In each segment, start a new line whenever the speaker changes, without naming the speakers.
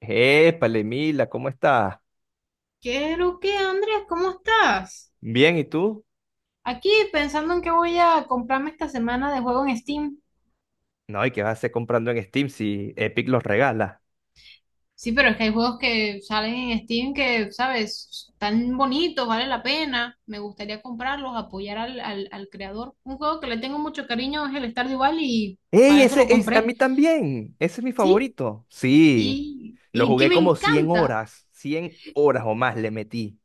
Épale, Mila, ¿cómo estás?
¿Qué es lo que, Andrés? ¿Cómo estás?
Bien, ¿y tú?
Aquí pensando en qué voy a comprarme esta semana de juego en Steam.
No, ¿y qué vas a hacer comprando en Steam si Epic los regala?
Sí, pero es que hay juegos que salen en Steam que, ¿sabes? Están bonitos, vale la pena. Me gustaría comprarlos, apoyar al creador. Un juego que le tengo mucho cariño es el Stardew Valley y
¡Ey,
para eso lo
ese es a mí
compré.
también! Ese es mi
Sí,
favorito. Sí,
y,
lo
y que
jugué
me
como 100
encanta.
horas, 100 horas o más le metí.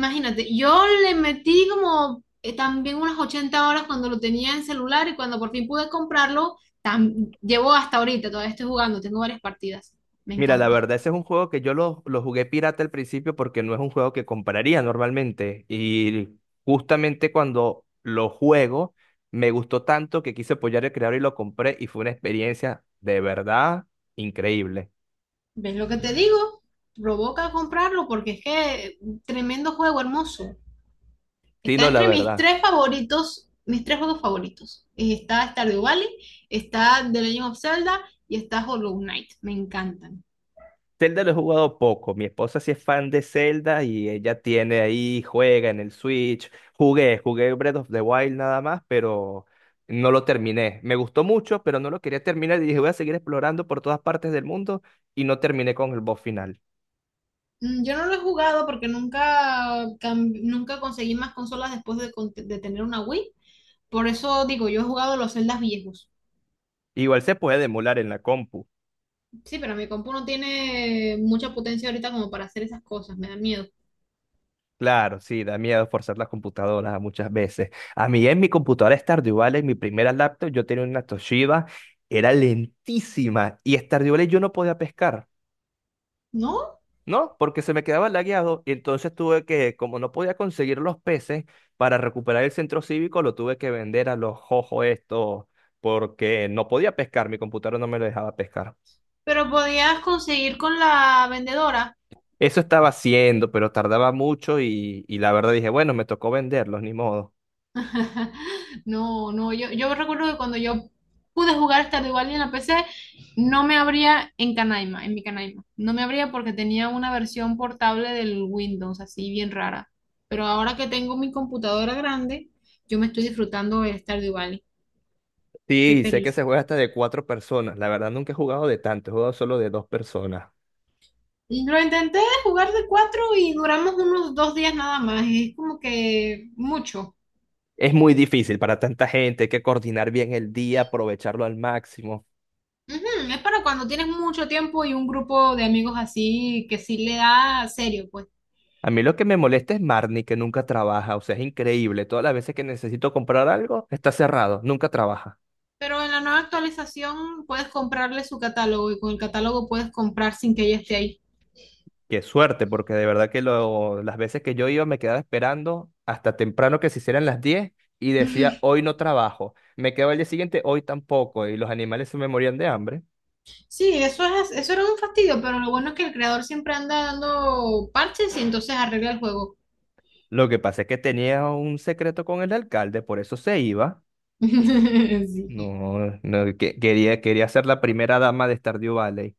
Imagínate, yo le metí como también unas 80 horas cuando lo tenía en celular y cuando por fin pude comprarlo, llevo hasta ahorita, todavía estoy jugando, tengo varias partidas, me
Mira, la
encanta.
verdad, ese es un juego que yo lo jugué pirata al principio porque no es un juego que compraría normalmente. Y justamente cuando lo juego, me gustó tanto que quise apoyar al creador y lo compré y fue una experiencia de verdad increíble.
¿Ves lo que te digo? Provoca comprarlo porque es que tremendo juego, hermoso.
Sí,
Está
no, la
entre mis
verdad.
tres favoritos, mis tres juegos favoritos. Está Stardew Valley, está The Legend of Zelda y está Hollow Knight, me encantan.
Zelda lo he jugado poco. Mi esposa sí es fan de Zelda y ella tiene ahí, juega en el Switch. Jugué Breath of the Wild nada más, pero no lo terminé. Me gustó mucho, pero no lo quería terminar y dije, voy a seguir explorando por todas partes del mundo y no terminé con el boss final.
Yo no lo he jugado porque nunca conseguí más consolas de tener una Wii. Por eso digo, yo he jugado los Zeldas viejos.
Igual se puede emular en la compu.
Sí, pero mi compu no tiene mucha potencia ahorita como para hacer esas cosas, me da miedo.
Claro, sí, da miedo forzar las computadoras muchas veces. A mí en mi computadora Stardew Valley, en mi primera laptop, yo tenía una Toshiba, era lentísima y Stardew Valley yo no podía pescar.
¿No?
No, porque se me quedaba lagueado y entonces tuve que, como no podía conseguir los peces para recuperar el centro cívico, lo tuve que vender a los jojos estos porque no podía pescar, mi computadora no me lo dejaba pescar.
Pero podías conseguir con la vendedora.
Eso estaba haciendo, pero tardaba mucho y la verdad dije, bueno, me tocó venderlos, ni modo.
No, no, yo recuerdo que cuando yo pude jugar Stardew Valley en la PC, no me abría en Canaima, en mi Canaima. No me abría porque tenía una versión portable del Windows, así bien rara. Pero ahora que tengo mi computadora grande, yo me estoy disfrutando del Stardew Valley. Soy
Sí, sé que
feliz.
se juega hasta de cuatro personas, la verdad nunca he jugado de tanto, he jugado solo de dos personas.
Y lo intenté jugar de cuatro y duramos unos 2 días nada más. Es como que mucho.
Es muy difícil para tanta gente, hay que coordinar bien el día, aprovecharlo al máximo.
Ujú. Es para cuando tienes mucho tiempo y un grupo de amigos así que sí le da serio, pues.
A mí lo que me molesta es Marnie, que nunca trabaja. O sea, es increíble. Todas las veces que necesito comprar algo, está cerrado. Nunca trabaja.
Pero en la nueva actualización puedes comprarle su catálogo y con el catálogo puedes comprar sin que ella esté ahí.
Qué suerte, porque de verdad que las veces que yo iba me quedaba esperando hasta temprano que se hicieran las 10 y decía, hoy no trabajo. Me quedaba el día siguiente, hoy tampoco. Y los animales se me morían de hambre.
Sí, eso es, eso era un fastidio, pero lo bueno es que el creador siempre anda dando parches y entonces arregla el juego.
Lo que pasa es que tenía un secreto con el alcalde, por eso se iba.
Sí.
No, no, quería ser la primera dama de Stardew Valley.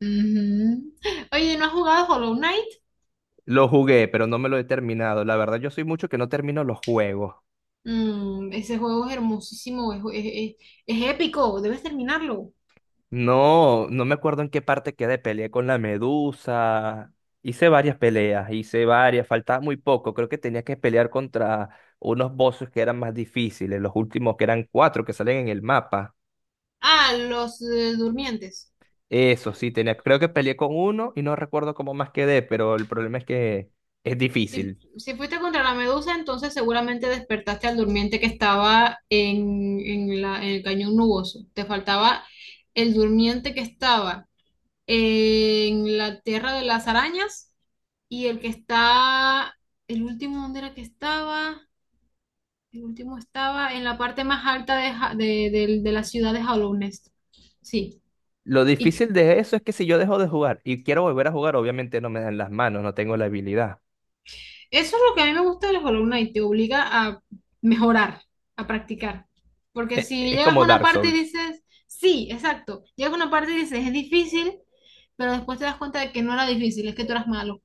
Ujú. Oye, ¿no has jugado Hollow Knight?
Lo jugué, pero no me lo he terminado. La verdad, yo soy mucho que no termino los juegos.
Ese juego es hermosísimo, es épico, debes terminarlo.
No, no me acuerdo en qué parte quedé. Peleé con la medusa. Hice varias peleas, hice varias. Faltaba muy poco. Creo que tenía que pelear contra unos bosses que eran más difíciles. Los últimos que eran cuatro que salen en el mapa.
Ah, los durmientes.
Eso sí, tenía. Creo que peleé con uno y no recuerdo cómo más quedé, pero el problema es que es
Si,
difícil.
si fuiste contra la medusa, entonces seguramente despertaste al durmiente que estaba en el cañón nuboso. Te faltaba el durmiente que estaba en la tierra de las arañas y el que está, el último, ¿dónde era que estaba? El último estaba en la parte más alta de la ciudad de Hollow Nest. Sí.
Lo
Y
difícil de eso es que si yo dejo de jugar y quiero volver a jugar, obviamente no me dan las manos, no tengo la habilidad.
eso es lo que a mí me gusta de las columnas y te obliga a mejorar, a practicar. Porque
e-
si
es
llegas
como
a una
Dark
parte y
Souls,
dices, sí, exacto, llegas a una parte y dices, es difícil, pero después te das cuenta de que no era difícil, es que tú eras malo.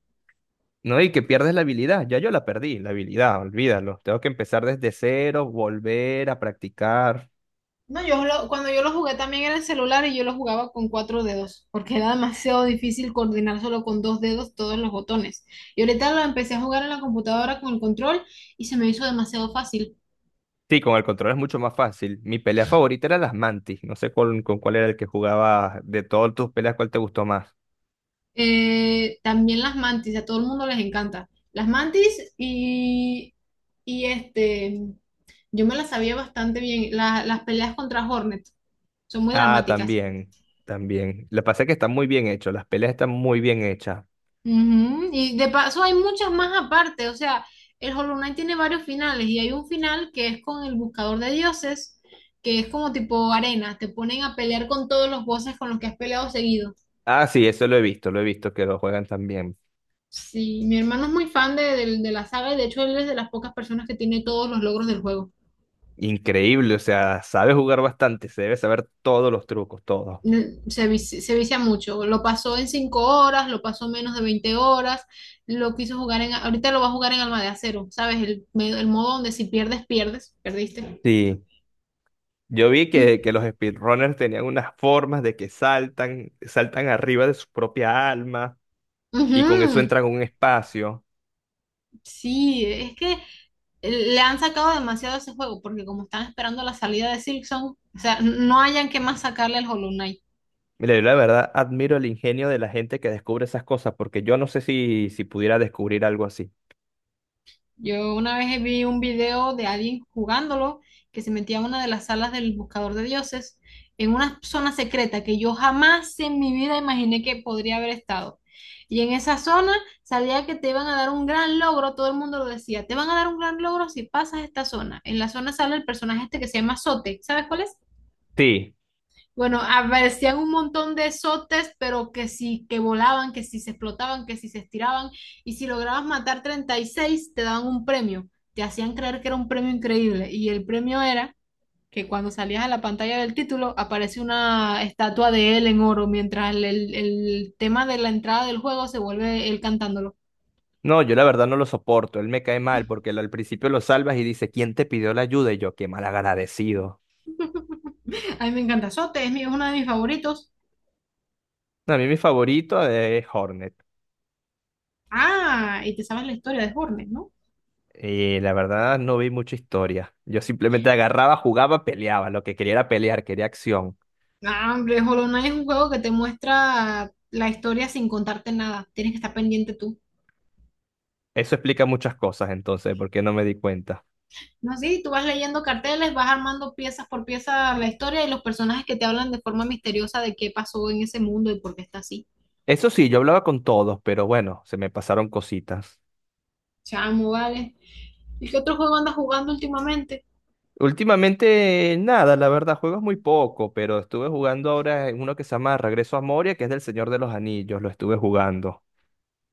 ¿no? Y que pierdes la habilidad. Ya yo la perdí, la habilidad, olvídalo. Tengo que empezar desde cero, volver a practicar.
No, cuando yo lo jugué también era el celular y yo lo jugaba con cuatro dedos, porque era demasiado difícil coordinar solo con dos dedos todos los botones. Y ahorita lo empecé a jugar en la computadora con el control y se me hizo demasiado fácil.
Sí, con el control es mucho más fácil. Mi pelea favorita era las mantis. No sé con cuál era el que jugaba de todas tus peleas, cuál te gustó más.
También las mantis, a todo el mundo les encanta. Las mantis y este, yo me las sabía bastante bien. Las peleas contra Hornet son muy
Ah,
dramáticas.
también, también. Lo que pasa es que están muy bien hechos, las peleas están muy bien hechas.
Ujú. Y de paso hay muchas más aparte, o sea, el Hollow Knight tiene varios finales y hay un final que es con el Buscador de Dioses, que es como tipo arena, te ponen a pelear con todos los bosses con los que has peleado seguido.
Ah, sí, eso lo he visto que lo juegan también.
Sí, mi hermano es muy fan de la saga y de hecho él es de las pocas personas que tiene todos los logros del juego.
Increíble, o sea, sabe jugar bastante, se debe saber todos los trucos, todos.
Se vicia mucho. Lo pasó en 5 horas, lo pasó en menos de 20 horas, lo quiso jugar en... Ahorita lo va a jugar en Alma de Acero, ¿sabes? El modo donde si pierdes, pierdes, perdiste.
Sí. Yo vi
Mm.
que los speedrunners tenían unas formas de que saltan, saltan arriba de su propia alma y con eso
Ujú.
entran a un espacio.
Sí, es que le han sacado demasiado a ese juego, porque como están esperando la salida de Silksong, o sea, no hayan que más sacarle al Hollow Knight.
Mira, yo la verdad admiro el ingenio de la gente que descubre esas cosas porque yo no sé si pudiera descubrir algo así.
Yo una vez vi un video de alguien jugándolo que se metía a una de las salas del buscador de dioses en una zona secreta que yo jamás en mi vida imaginé que podría haber estado. Y en esa zona salía que te iban a dar un gran logro, todo el mundo lo decía, te van a dar un gran logro si pasas esta zona. En la zona sale el personaje este que se llama Zote. ¿Sabes cuál es?
Sí,
Bueno, aparecían un montón de sotes, pero que sí, que volaban, que si se explotaban, que si se estiraban, y si lograbas matar 36, te daban un premio. Te hacían creer que era un premio increíble, y el premio era que cuando salías a la pantalla del título aparece una estatua de él en oro, mientras el tema de la entrada del juego se vuelve él cantándolo.
no, yo la verdad no lo soporto, él me cae mal porque él al principio lo salvas y dice, ¿quién te pidió la ayuda? Y yo, qué mal agradecido.
A mí me encanta Sote, es uno de mis favoritos.
A mí mi favorito es Hornet.
Ah, y te sabes la historia de Hornet, ¿no?
Y la verdad no vi mucha historia. Yo simplemente agarraba, jugaba, peleaba. Lo que quería era pelear, quería acción.
Ah, hombre, Hollow Knight es un juego que te muestra la historia sin contarte nada. Tienes que estar pendiente tú.
Eso explica muchas cosas, entonces, porque no me di cuenta.
No, sí, tú vas leyendo carteles, vas armando piezas por pieza la historia y los personajes que te hablan de forma misteriosa de qué pasó en ese mundo y por qué está así.
Eso sí, yo hablaba con todos, pero bueno, se me pasaron cositas.
Chamo, vale. ¿Y qué otro juego andas jugando últimamente?
Últimamente, nada, la verdad, juegos muy poco, pero estuve jugando ahora en uno que se llama Regreso a Moria, que es del Señor de los Anillos, lo estuve jugando.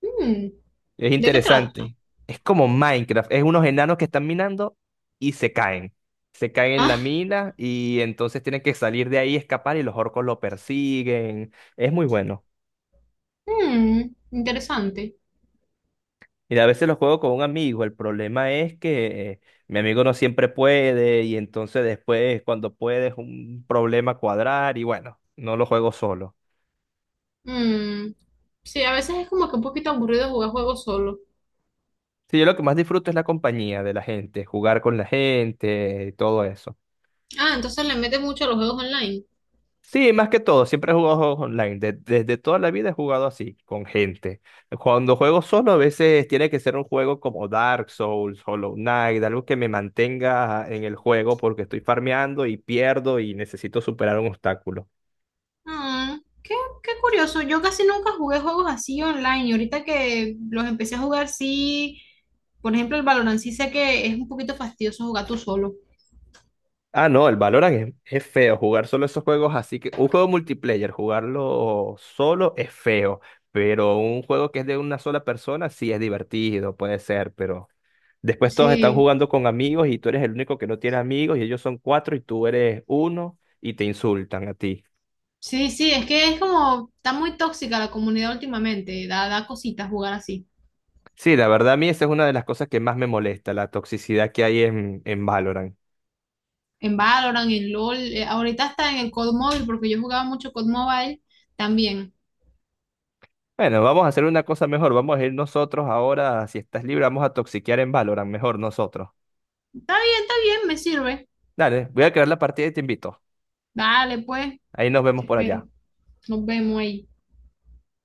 Hmm,
Es
¿De qué trata?
interesante. Es como Minecraft, es unos enanos que están minando y se caen. Se caen en la
Ah,
mina y entonces tienen que salir de ahí, escapar y los orcos lo persiguen. Es muy bueno.
hmm, interesante.
Mira, a veces lo juego con un amigo. El problema es que mi amigo no siempre puede y entonces después cuando puede es un problema cuadrar y bueno, no lo juego solo.
Hmm, sí, a veces es como que un poquito aburrido jugar juegos solo.
Sí, yo lo que más disfruto es la compañía de la gente, jugar con la gente, todo eso.
Ah, entonces le metes mucho a los juegos online.
Sí, más que todo, siempre he jugado juegos online. Desde toda la vida he jugado así, con gente. Cuando juego solo, a veces tiene que ser un juego como Dark Souls, Hollow Knight, algo que me mantenga en el juego porque estoy farmeando y pierdo y necesito superar un obstáculo.
Ah, qué curioso. Yo casi nunca jugué juegos así online y ahorita que los empecé a jugar, sí, por ejemplo, el Valorant sí sé que es un poquito fastidioso jugar tú solo.
Ah, no, el Valorant es feo. Jugar solo esos juegos así que. Un juego multiplayer, jugarlo solo es feo. Pero un juego que es de una sola persona sí es divertido, puede ser. Pero después todos están
Sí,
jugando con amigos y tú eres el único que no tiene amigos y ellos son cuatro y tú eres uno y te insultan a ti.
sí, sí, es que es como, está muy tóxica la comunidad últimamente, da cositas jugar así.
Sí, la verdad a mí esa es una de las cosas que más me molesta, la toxicidad que hay en Valorant.
En Valorant, en LOL, ahorita está en el COD Mobile, porque yo jugaba mucho COD Mobile también.
Bueno, vamos a hacer una cosa mejor. Vamos a ir nosotros ahora, si estás libre, vamos a toxiquear en Valorant, mejor nosotros.
Está bien, me sirve.
Dale, voy a crear la partida y te invito.
Dale, pues,
Ahí nos
te
vemos por
espero.
allá.
Nos vemos ahí.